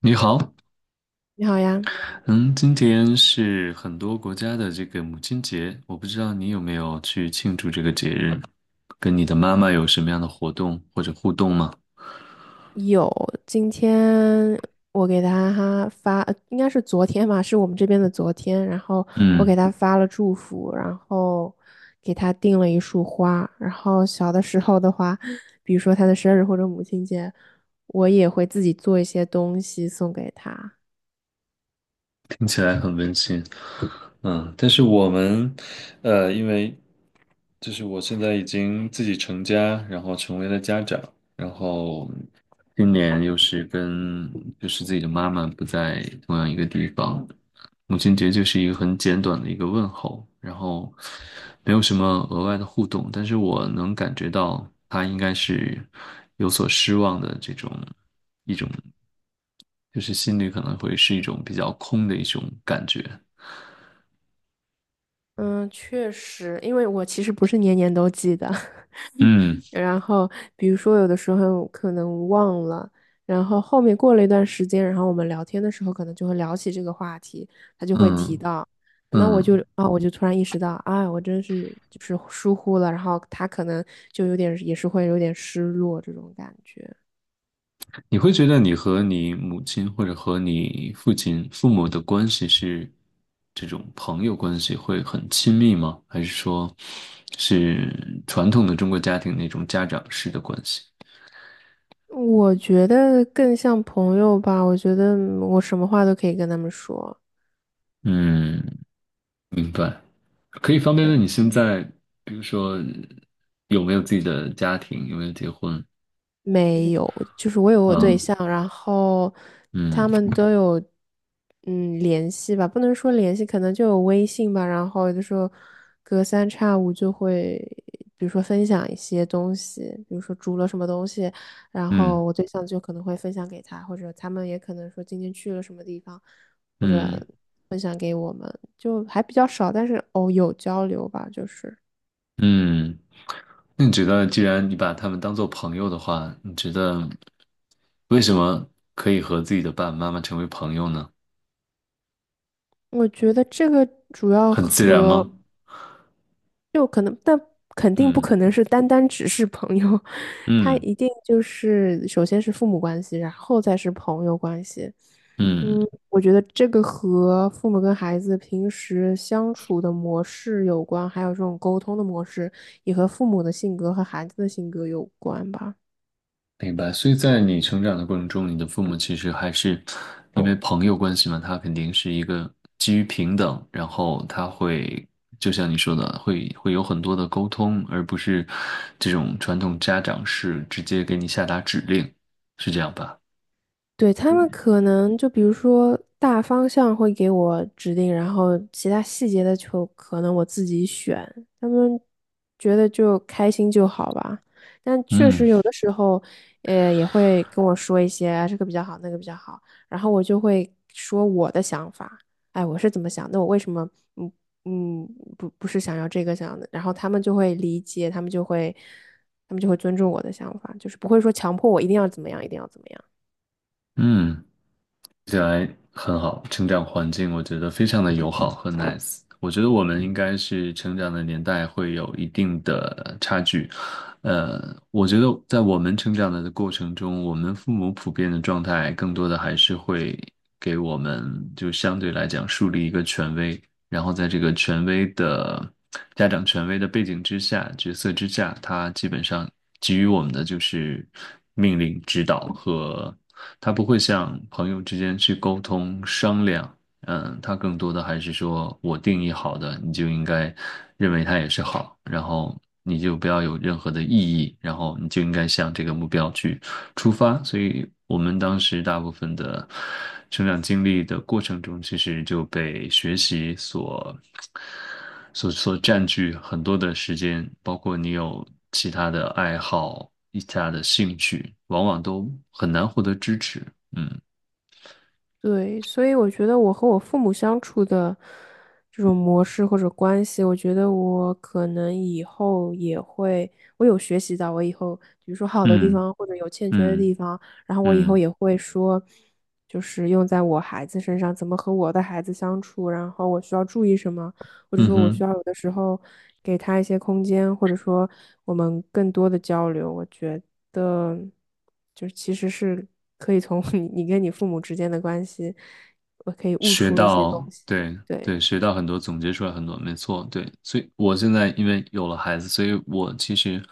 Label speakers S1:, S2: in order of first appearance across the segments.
S1: 你好。
S2: 你好呀。
S1: 嗯，今天是很多国家的这个母亲节，我不知道你有没有去庆祝这个节日，跟你的妈妈有什么样的活动或者互动吗？
S2: 有。今天我给他哈发，应该是昨天吧，是我们这边的昨天，然后我
S1: 嗯，
S2: 给他发了祝福，然后给他订了一束花。然后小的时候的话，比如说他的生日或者母亲节，我也会自己做一些东西送给他。
S1: 听起来很温馨。嗯，但是我们，因为我现在已经自己成家，然后成为了家长，然后今年又是跟自己的妈妈不在同样一个地方，母亲节就是一个很简短的一个问候，然后没有什么额外的互动，但是我能感觉到她应该是有所失望的这种一种，就是心里可能会是一种比较空的一种感觉。
S2: 嗯，确实，因为我其实不是年年都记得，
S1: 嗯
S2: 然后比如说有的时候可能忘了，然后后面过了一段时间，然后我们聊天的时候可能就会聊起这个话题，他就会提
S1: 嗯
S2: 到。那我就
S1: 嗯。
S2: 啊，我就突然意识到，啊，我真是就是疏忽了，然后他可能就有点也是会有点失落这种感觉。
S1: 你会觉得你和你母亲或者和你父亲、父母的关系是这种朋友关系会很亲密吗？还是说是传统的中国家庭那种家长式的关系？
S2: 我觉得更像朋友吧，我觉得我什么话都可以跟他们说。
S1: 嗯，明白。可以方便问
S2: 对。
S1: 你现在，比如说有没有自己的家庭，有没有结婚？嗯，
S2: 没有。就是我有我对
S1: 啊，
S2: 象，然后
S1: 嗯
S2: 他们都有嗯联系吧，不能说联系，可能就有微信吧。然后有的时候隔三差五就会，比如说分享一些东西，比如说煮了什么东西，然后
S1: 嗯
S2: 我对象就可能会分享给他，或者他们也可能说今天去了什么地方，或者
S1: 嗯
S2: 分享给我们，就还比较少，但是哦有交流吧。就是
S1: 嗯。那你觉得，既然你把他们当做朋友的话，你觉得为什么可以和自己的爸爸妈妈成为朋友呢？
S2: 我觉得这个主要
S1: 很自然
S2: 和。
S1: 吗？
S2: 就可能，但肯定不可能
S1: 嗯
S2: 是单单只是朋友。他
S1: 嗯
S2: 一定就是首先是父母关系，然后再是朋友关系。
S1: 嗯，
S2: 嗯，我觉得这个和父母跟孩子平时相处的模式有关，还有这种沟通的模式，也和父母的性格和孩子的性格有关吧。
S1: 明白。所以在你成长的过程中，你的父母其实还是因为朋友关系嘛，他肯定是一个基于平等，然后他会就像你说的，会有很多的沟通，而不是这种传统家长式直接给你下达指令，是这样吧？
S2: 对，他们可能就比如说大方向会给我指定，然后其他细节的就可能我自己选。他们觉得就开心就好吧。但确
S1: 嗯
S2: 实有的时候，也会跟我说一些啊这个比较好，那个比较好，然后我就会说我的想法。哎，我是怎么想？那我为什么嗯嗯不是想要这个想的？然后他们就会理解，他们就会尊重我的想法，就是不会说强迫我一定要怎么样，一定要怎么样。
S1: 嗯。起来很好，成长环境我觉得非常的友好和 nice。我觉得我们应该是成长的年代会有一定的差距。呃，我觉得在我们成长的过程中，我们父母普遍的状态更多的还是会给我们就相对来讲树立一个权威，然后在这个权威的家长权威的背景之下、角色之下，他基本上给予我们的就是命令、指导和他不会像朋友之间去沟通商量。嗯，他更多的还是说我定义好的，你就应该认为它也是好，然后你就不要有任何的异议，然后你就应该向这个目标去出发，所以我们当时大部分的成长经历的过程中，其实就被学习所占据很多的时间，包括你有其他的爱好、其他的兴趣，往往都很难获得支持。嗯
S2: 对，所以我觉得我和我父母相处的这种模式或者关系，我觉得我可能以后也会，我有学习到，我以后比如说好的地
S1: 嗯
S2: 方或者有欠缺的
S1: 嗯
S2: 地方，然后我以后
S1: 嗯
S2: 也会说，就是用在我孩子身上，怎么和我的孩子相处，然后我需要注意什么，或者
S1: 嗯嗯
S2: 说我需
S1: 哼。
S2: 要有的时候给他一些空间，或者说我们更多的交流，我觉得。的，就是其实是可以从 你跟你父母之间的关系，我可以悟
S1: 学
S2: 出一些东
S1: 到，
S2: 西。
S1: 对
S2: 对。
S1: 对，学到很多，总结出来很多，没错，对。所以我现在因为有了孩子，所以我其实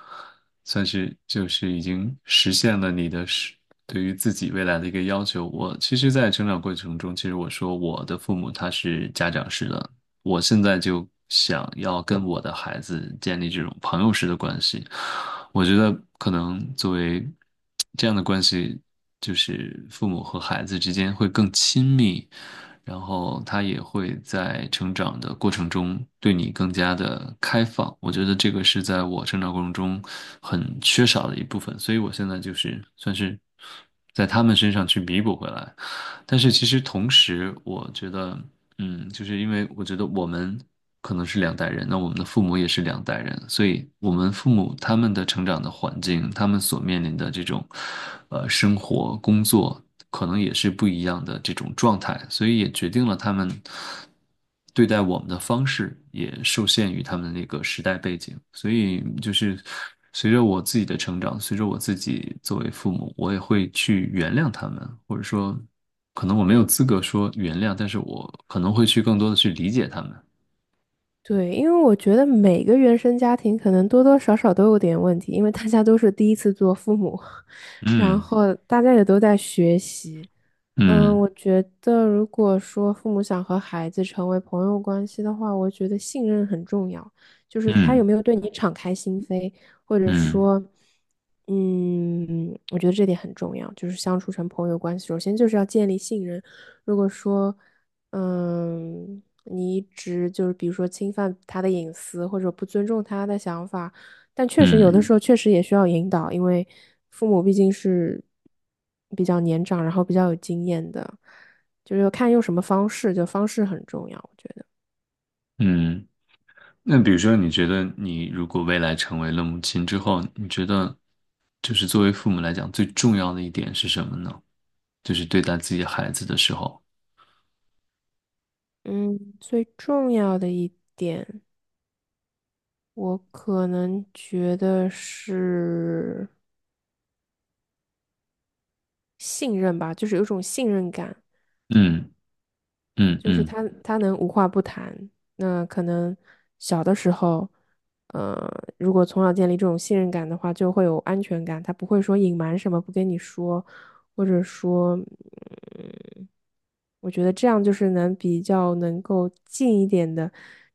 S1: 算是就是已经实现了你的是对于自己未来的一个要求。我其实，在成长过程中，其实我说我的父母他是家长式的，我现在就想要跟我的孩子建立这种朋友式的关系。我觉得可能作为这样的关系，就是父母和孩子之间会更亲密，然后他也会在成长的过程中对你更加的开放。我觉得这个是在我成长过程中很缺少的一部分，所以我现在就是算是在他们身上去弥补回来。但是其实同时，我觉得。嗯，就是因为我觉得我们可能是两代人，那我们的父母也是两代人，所以我们父母他们的成长的环境，他们所面临的这种，生活、工作，可能也是不一样的这种状态，所以也决定了他们对待我们的方式也受限于他们的那个时代背景，所以就是随着我自己的成长，随着我自己作为父母，我也会去原谅他们，或者说，可能我没有资格说原谅，但是我可能会去更多的去理解他们。
S2: 对，因为我觉得每个原生家庭可能多多少少都有点问题，因为大家都是第一次做父母，然
S1: 嗯
S2: 后大家也都在学习。嗯，
S1: 嗯
S2: 我觉得如果说父母想和孩子成为朋友关系的话，我觉得信任很重要，就是他有
S1: 嗯
S2: 没有对你敞开心扉，或者
S1: 嗯
S2: 说，嗯，我觉得这点很重要，就是相处成朋友关系，首先就是要建立信任。如果说嗯，你一直就是比如说侵犯他的隐私，或者不尊重他的想法，但确实有的时
S1: 嗯
S2: 候确实也需要引导，因为父母毕竟是比较年长，然后比较有经验的，就是要看用什么方式，就方式很重要，我觉得。
S1: 嗯。那比如说，你觉得你如果未来成为了母亲之后，你觉得就是作为父母来讲，最重要的一点是什么呢？就是对待自己孩子的时候，
S2: 嗯，最重要的一点，我可能觉得是信任吧，就是有一种信任感。
S1: 嗯嗯
S2: 就是
S1: 嗯
S2: 他能无话不谈。那可能小的时候，呃，如果从小建立这种信任感的话，就会有安全感。他不会说隐瞒什么不跟你说，或者说，嗯，我觉得这样就是能比较能够近一点的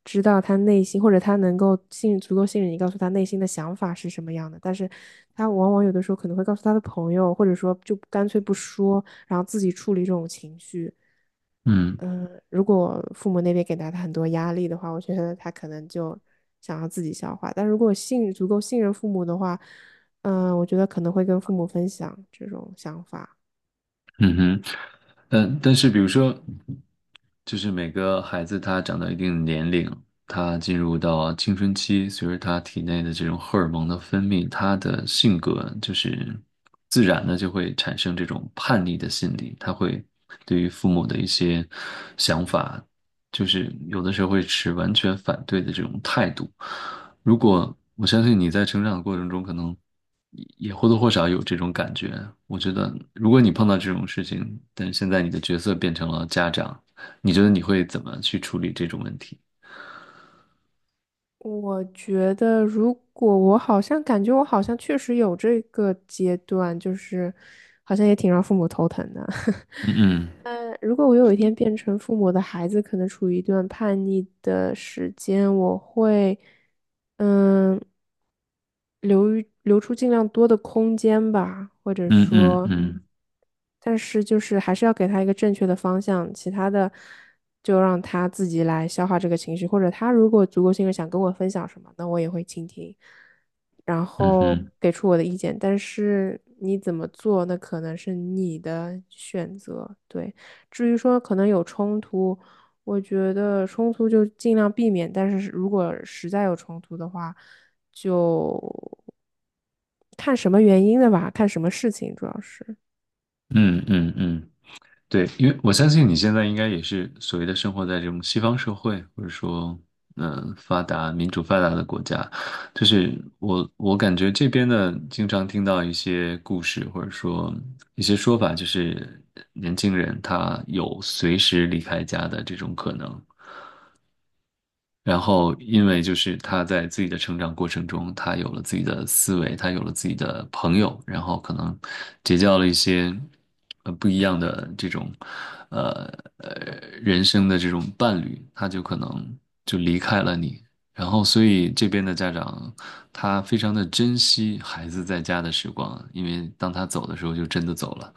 S2: 知道他内心，或者他能够信足够信任你，告诉他内心的想法是什么样的。但是他往往有的时候可能会告诉他的朋友，或者说就干脆不说，然后自己处理这种情绪。
S1: 嗯
S2: 嗯，如果父母那边给到他很多压力的话，我觉得他可能就想要自己消化。但如果信足够信任父母的话，嗯，我觉得可能会跟父母分享这种想法。
S1: 嗯哼。嗯，但是比如说，就是每个孩子他长到一定年龄，他进入到青春期，随着他体内的这种荷尔蒙的分泌，他的性格就是自然的就会产生这种叛逆的心理，他会对于父母的一些想法，就是有的时候会持完全反对的这种态度。如果我相信你在成长的过程中，可能也或多或少有这种感觉。我觉得，如果你碰到这种事情，但是现在你的角色变成了家长。你觉得你会怎么去处理这种问题？
S2: 我觉得，如果我好像感觉我好像确实有这个阶段，就是好像也挺让父母头疼的。
S1: 嗯
S2: 如果我有一天变成父母的孩子，可能处于一段叛逆的时间，我会，嗯，留于留出尽量多的空间吧，或者
S1: 嗯嗯
S2: 说，
S1: 嗯
S2: 但是就是还是要给他一个正确的方向，其他的就让他自己来消化这个情绪，或者他如果足够信任想跟我分享什么，那我也会倾听，然
S1: 嗯
S2: 后
S1: 嗯
S2: 给出我的意见，但是你怎么做，那可能是你的选择，对。至于说可能有冲突，我觉得冲突就尽量避免，但是如果实在有冲突的话，就看什么原因的吧，看什么事情主要是。
S1: 嗯嗯嗯。对，因为我相信你现在应该也是所谓的生活在这种西方社会，或者说，嗯、发达、民主发达的国家，就是我感觉这边呢经常听到一些故事，或者说一些说法，就是年轻人他有随时离开家的这种可能。然后，因为就是他在自己的成长过程中，他有了自己的思维，他有了自己的朋友，然后可能结交了一些不一样的这种呃呃人生的这种伴侣，他就可能就离开了你。然后，所以这边的家长他非常的珍惜孩子在家的时光，因为当他走的时候就真的走了。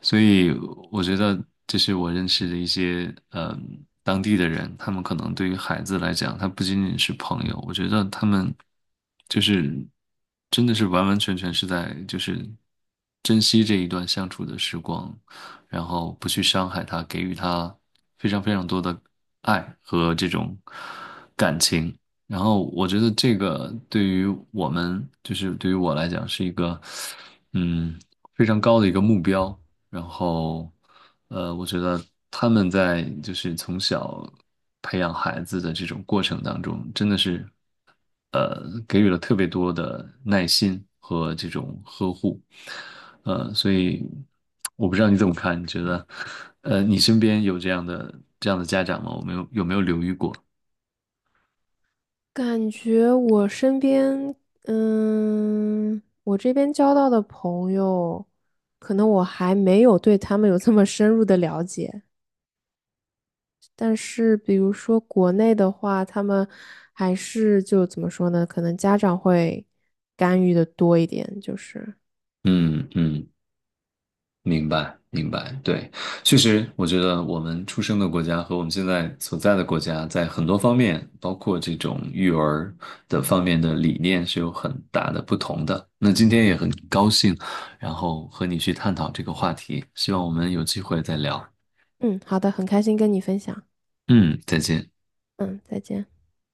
S1: 所以我觉得这是我认识的一些嗯当地的人，他们可能对于孩子来讲，他不仅仅是朋友，我觉得他们就是真的是完完全全是在就是珍惜这一段相处的时光，然后不去伤害他，给予他非常非常多的爱和这种感情。然后我觉得这个对于我们，就是对于我来讲，是一个嗯非常高的一个目标。然后，我觉得他们在就是从小培养孩子的这种过程当中，真的是，给予了特别多的耐心和这种呵护。所以我不知道你怎么看，你觉得，你身边有这样的家长吗？我没有，有没有留意过？
S2: 感觉我身边，嗯，我这边交到的朋友，可能我还没有对他们有这么深入的了解。但是，比如说国内的话，他们还是就怎么说呢？可能家长会干预的多一点，就是。
S1: 嗯嗯，明白，明白，对，确实，我觉得我们出生的国家和我们现在所在的国家，在很多方面，包括这种育儿的方面的理念是有很大的不同的。那今天也很高兴，然后和你去探讨这个话题，希望我们有机会再聊。
S2: 嗯，好的，很开心跟你分享。
S1: 嗯，再见。
S2: 嗯，再见。